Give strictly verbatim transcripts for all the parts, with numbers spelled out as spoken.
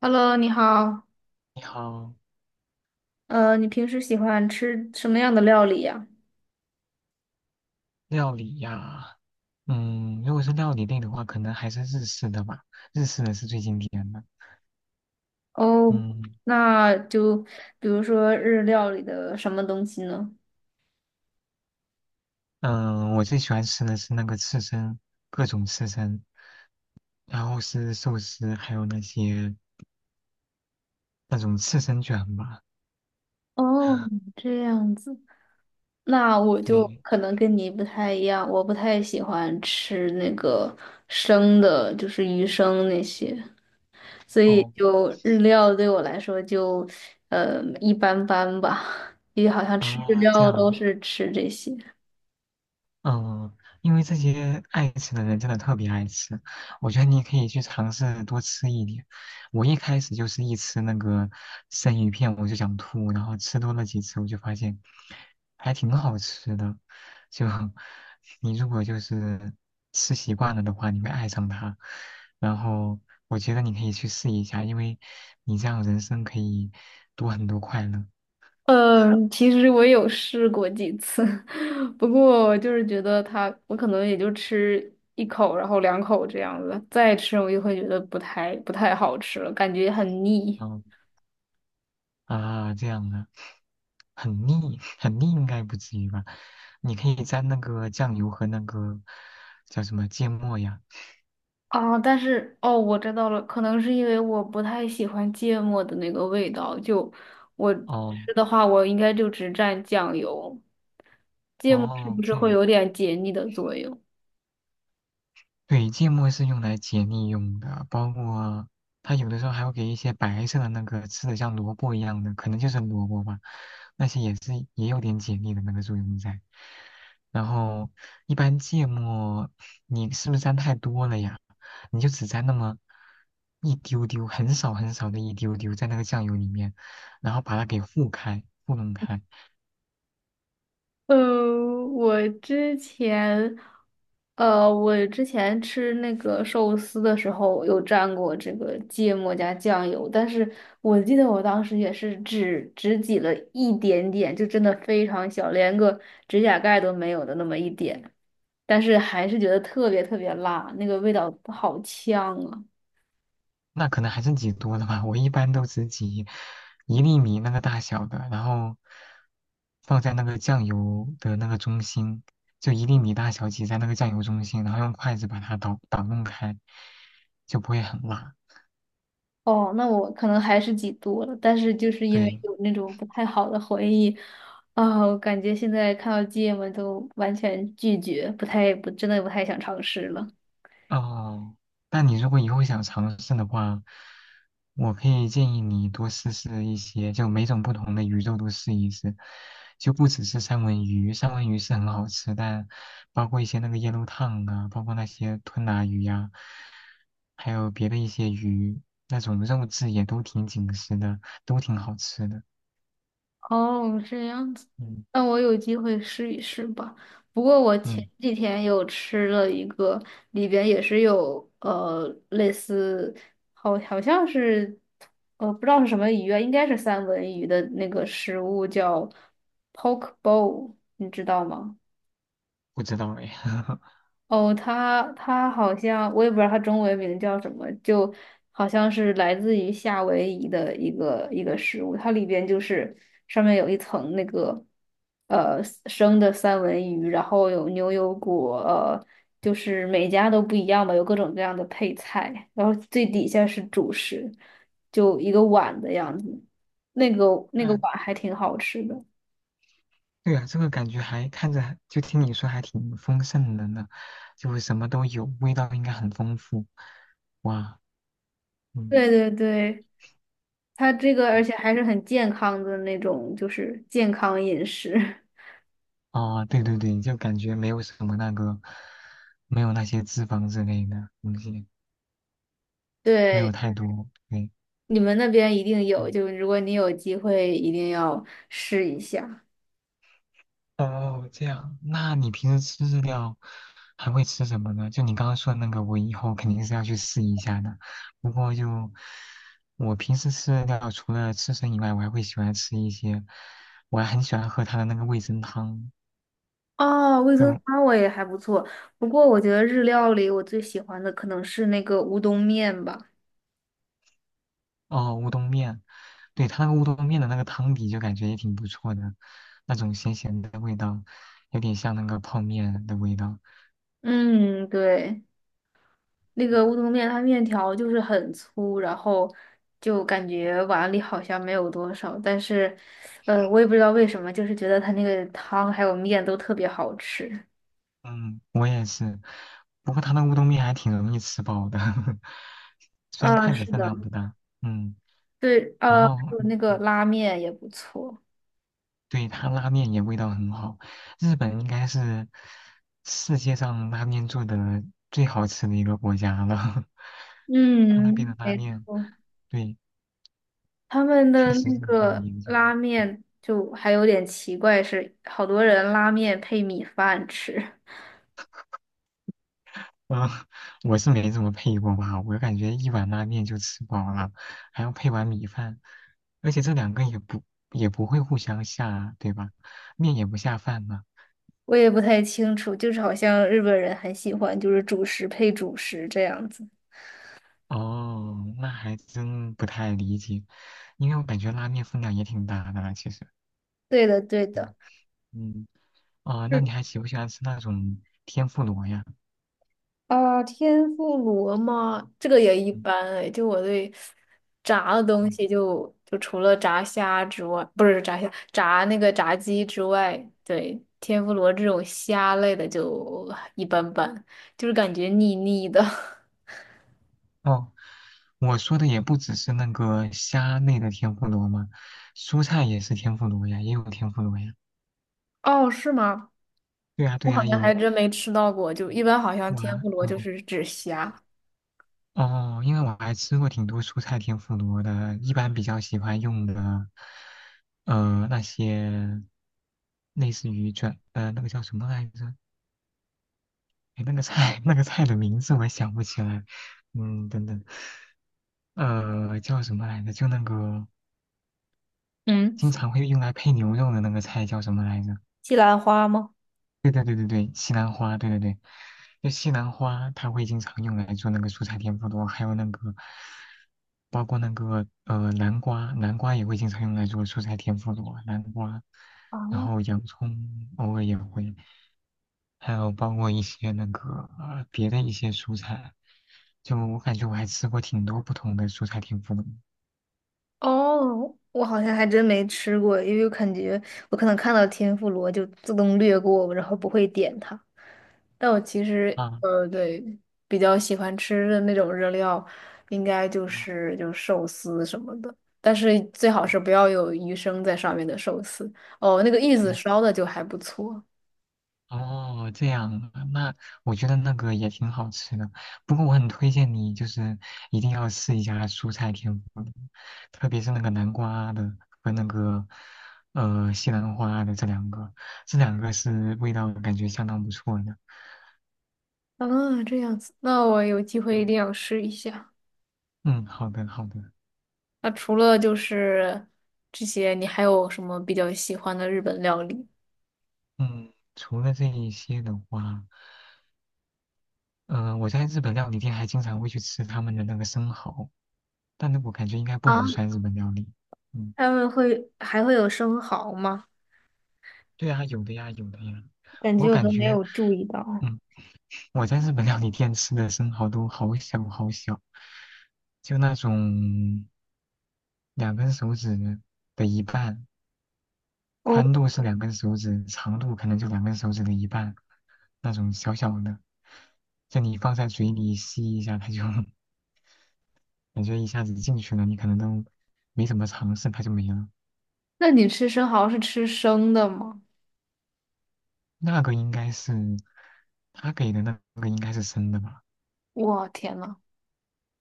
Hello，你好。你好，呃，你平时喜欢吃什么样的料理呀？料理呀，嗯，如果是料理类的话，可能还是日式的吧，日式的是最经典的。哦，嗯那就比如说日料里的什么东西呢？嗯，我最喜欢吃的是那个刺身，各种刺身，然后是寿司，还有那些那种刺身卷吧。哦，这样子。那我就对，可能跟你不太一样，我不太喜欢吃那个生的，就是鱼生那些，所以哦就日料对我来说就呃一般般吧，因为好像吃日啊，这料样都啊。是吃这些。嗯，因为这些爱吃的人真的特别爱吃，我觉得你可以去尝试多吃一点。我一开始就是一吃那个生鱼片我就想吐，然后吃多了几次我就发现还挺好吃的。就 你如果就是吃习惯了的话，你会爱上它。然后我觉得你可以去试一下，因为你这样人生可以多很多快乐。嗯，其实我有试过几次，不过我就是觉得它，我可能也就吃一口，然后两口这样子，再吃我就会觉得不太不太好吃了，感觉很腻嗯啊，这样的。很腻，很腻应该不至于吧？你可以蘸那个酱油和那个叫什么芥末呀？啊。但是哦，我知道了，可能是因为我不太喜欢芥末的那个味道，就我哦吃的话，我应该就只蘸酱油，芥末是哦，不是这会样。有点解腻的作用？对，芥末是用来解腻用的，包括它有的时候还会给一些白色的那个吃的像萝卜一样的，可能就是萝卜吧，那些也是也有点解腻的那个作用在。然后一般芥末你是不是沾太多了呀？你就只沾那么一丢丢，很少很少的一丢丢在那个酱油里面，然后把它给糊开、糊弄开，嗯，我之前，呃，我之前吃那个寿司的时候有蘸过这个芥末加酱油，但是我记得我当时也是只只挤了一点点，就真的非常小，连个指甲盖都没有的那么一点，但是还是觉得特别特别辣，那个味道好呛啊。那可能还是挤多了吧。我一般都只挤一粒米那个大小的，然后放在那个酱油的那个中心，就一粒米大小挤在那个酱油中心，然后用筷子把它捣捣弄开，就不会很辣。哦，那我可能还是几度了，但是就是因为对。有那种不太好的回忆，啊、我感觉现在看到芥末都完全拒绝，不太不真的不太想尝试了。哦，那你如果以后想尝试的话，我可以建议你多试试一些，就每种不同的鱼肉都试一试，就不只是三文鱼，三文鱼是很好吃，但包括一些那个椰肉烫啊，包括那些吞拿鱼呀、还有别的一些鱼，那种肉质也都挺紧实的，都挺好吃的。哦，这样子，嗯那我有机会试一试吧。不过我前嗯，几天有吃了一个，里边也是有呃类似，好好像是，呃不知道是什么鱼啊，应该是三文鱼的那个食物叫 poke bowl,你知道吗？不知道哎。哦，他他好像我也不知道他中文名叫什么，就好像是来自于夏威夷的一个一个食物，它里边就是上面有一层那个呃生的三文鱼，然后有牛油果，呃，就是每家都不一样吧，有各种各样的配菜，然后最底下是主食，就一个碗的样子，那个那个碗那还挺好吃的。对啊，这个感觉还看着，就听你说还挺丰盛的呢，就什么都有，味道应该很丰富。哇，嗯，对对对，它这个而且还是很健康的那种，就是健康饮食。哦，对对对，就感觉没有什么那个，没有那些脂肪之类的东西，没有对，太多。对，你们那边一定有，嗯，就如果你有机会，一定要试一下。哦，这样，那你平时吃日料还会吃什么呢？就你刚刚说的那个，我以后肯定是要去试一下的。不过就我平时吃日料，除了刺身以外，我还会喜欢吃一些，我还很喜欢喝它的那个味增汤，哦，味噌就，汤我也还不错，不过我觉得日料里我最喜欢的可能是那个乌冬面吧。哦乌冬面，对，它那个乌冬面的那个汤底就感觉也挺不错的，那种咸咸的味道，有点像那个泡面的味道。嗯，对，那个乌冬面它面条就是很粗，然后就感觉碗里好像没有多少，但是，呃，我也不知道为什么，就是觉得它那个汤还有面都特别好吃。嗯，我也是。不过他那乌冬面还挺容易吃饱的，虽然啊，看着是分的，量不大，嗯，对，然嗯呃，还后有那个拉面也不错，对他拉面也味道很好，日本应该是世界上拉面做的最好吃的一个国家了，他那边嗯，的拉没面，错，对，他们确的实是那很有个研究。拉面就还有点奇怪，是好多人拉面配米饭吃，嗯，我是没怎么配过吧，我感觉一碗拉面就吃饱了，还要配碗米饭，而且这两个也不也不会互相下，对吧？面也不下饭呢。我也不太清楚，就是好像日本人很喜欢就是主食配主食这样子。哦，那还真不太理解，因为我感觉拉面分量也挺大的啦其实。对的，对的。嗯嗯，哦，那你还喜不喜欢吃那种天妇罗呀？啊，天妇罗吗？这个也一嗯般哎。就我对炸的哦，东西就，就除了炸虾之外，不是炸虾，炸那个炸鸡之外，对，天妇罗这种虾类的就一般般，就是感觉腻腻的。哦，我说的也不只是那个虾类的天妇罗嘛，蔬菜也是天妇罗呀，也有天妇罗呀。哦，是吗？对呀对我好呀，像还有，真没吃到过，就一般好像我还天嗯。妇罗就哦是指虾。哦，因为我还吃过挺多蔬菜天妇罗的，一般比较喜欢用的，呃，那些类似于转，呃，那个叫什么来着？哎，那个菜，那个菜的名字我想不起来。嗯，等等，呃，叫什么来着？就那个嗯，经常会用来配牛肉的那个菜叫什么来着？西兰花吗？对对对对对，西兰花，对对对，就西兰花，它会经常用来做那个蔬菜天妇罗，还有那个，包括那个呃南瓜，南瓜也会经常用来做蔬菜天妇罗，南瓜，啊。然后洋葱偶尔也会，还有包括一些那个呃别的一些蔬菜，就我感觉我还吃过挺多不同的蔬菜天妇罗哦，我好像还真没吃过，因为我感觉我可能看到天妇罗就自动略过，然后不会点它。但我其实啊，呃，对，比较喜欢吃的那种热料，应该就嗯是就是寿司什么的，但是最好是不要有鱼生在上面的寿司。哦，那个玉子烧的就还不错。哦，这样啊，那我觉得那个也挺好吃的。不过我很推荐你，就是一定要试一下蔬菜天妇罗，特别是那个南瓜的和那个呃西兰花的这两个，这两个是味道感觉相当不错的。啊，这样子，那我有机会一嗯定要试一下。嗯，好的好的。那除了就是这些，你还有什么比较喜欢的日本料理？嗯，除了这一些的话，嗯，我在日本料理店还经常会去吃他们的那个生蚝，但那我感觉应该不啊？能算日本料理。嗯。他们会还会有生蚝吗？对啊，有的呀，有的呀。感我觉我感都没觉，有注意到。嗯，我在日本料理店吃的生蚝都好小好小，就那种两根手指的一半，哦，宽度是两根手指，长度可能就两根手指的一半，那种小小的，就你放在嘴里吸一下，它就 感觉一下子进去了，你可能都没怎么尝试，它就没了。那你吃生蚝是吃生的吗？那个应该是他给的那个应该是生的吧。我天呐，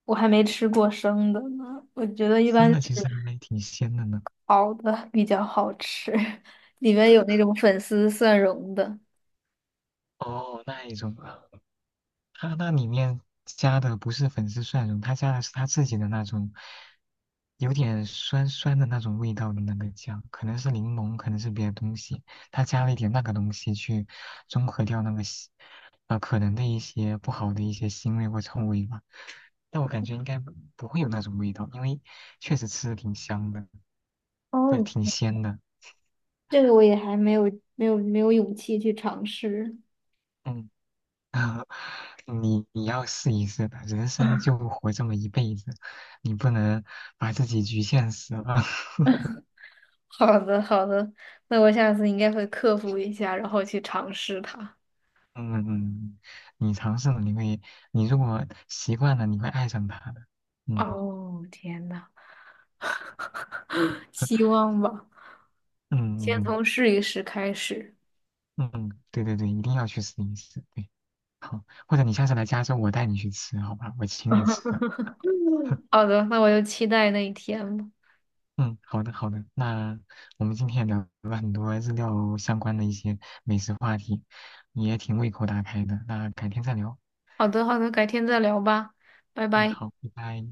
我还没吃过生的呢。我觉得一般生的是其实还挺鲜的呢。熬的比较好吃，里面有那种粉丝蒜蓉的。哦，那一种啊，它那里面加的不是粉丝蒜蓉，它加的是它自己的那种有点酸酸的那种味道的那个酱，可能是柠檬，可能是别的东西，它加了一点那个东西去中和掉那个腥呃可能的一些不好的一些腥味或臭味吧。但我感觉应该不不会有那种味道，因为确实吃的挺香的，哦，对，挺鲜的。这个我也还没有没有没有勇气去尝试。嗯。啊，你你要试一试吧，人生就 活这么一辈子，你不能把自己局限死了。好的，好的，那我下次应该会克服一下，然后去尝试它。嗯，嗯，你尝试了，你会，你如果习惯了，你会爱上它的。嗯 哦，天呐！希 望吧，嗯先嗯，从试一试开始。嗯，对对对，一定要去试一试。对，好，或者你下次来加州，我带你去吃，好吧？我请你吃。好的，那我就期待那一天吧。嗯，好的好的，那我们今天也聊了很多日料相关的一些美食话题，也挺胃口大开的。那改天再聊。好的，好的，改天再聊吧，拜嗯，拜。好，拜拜。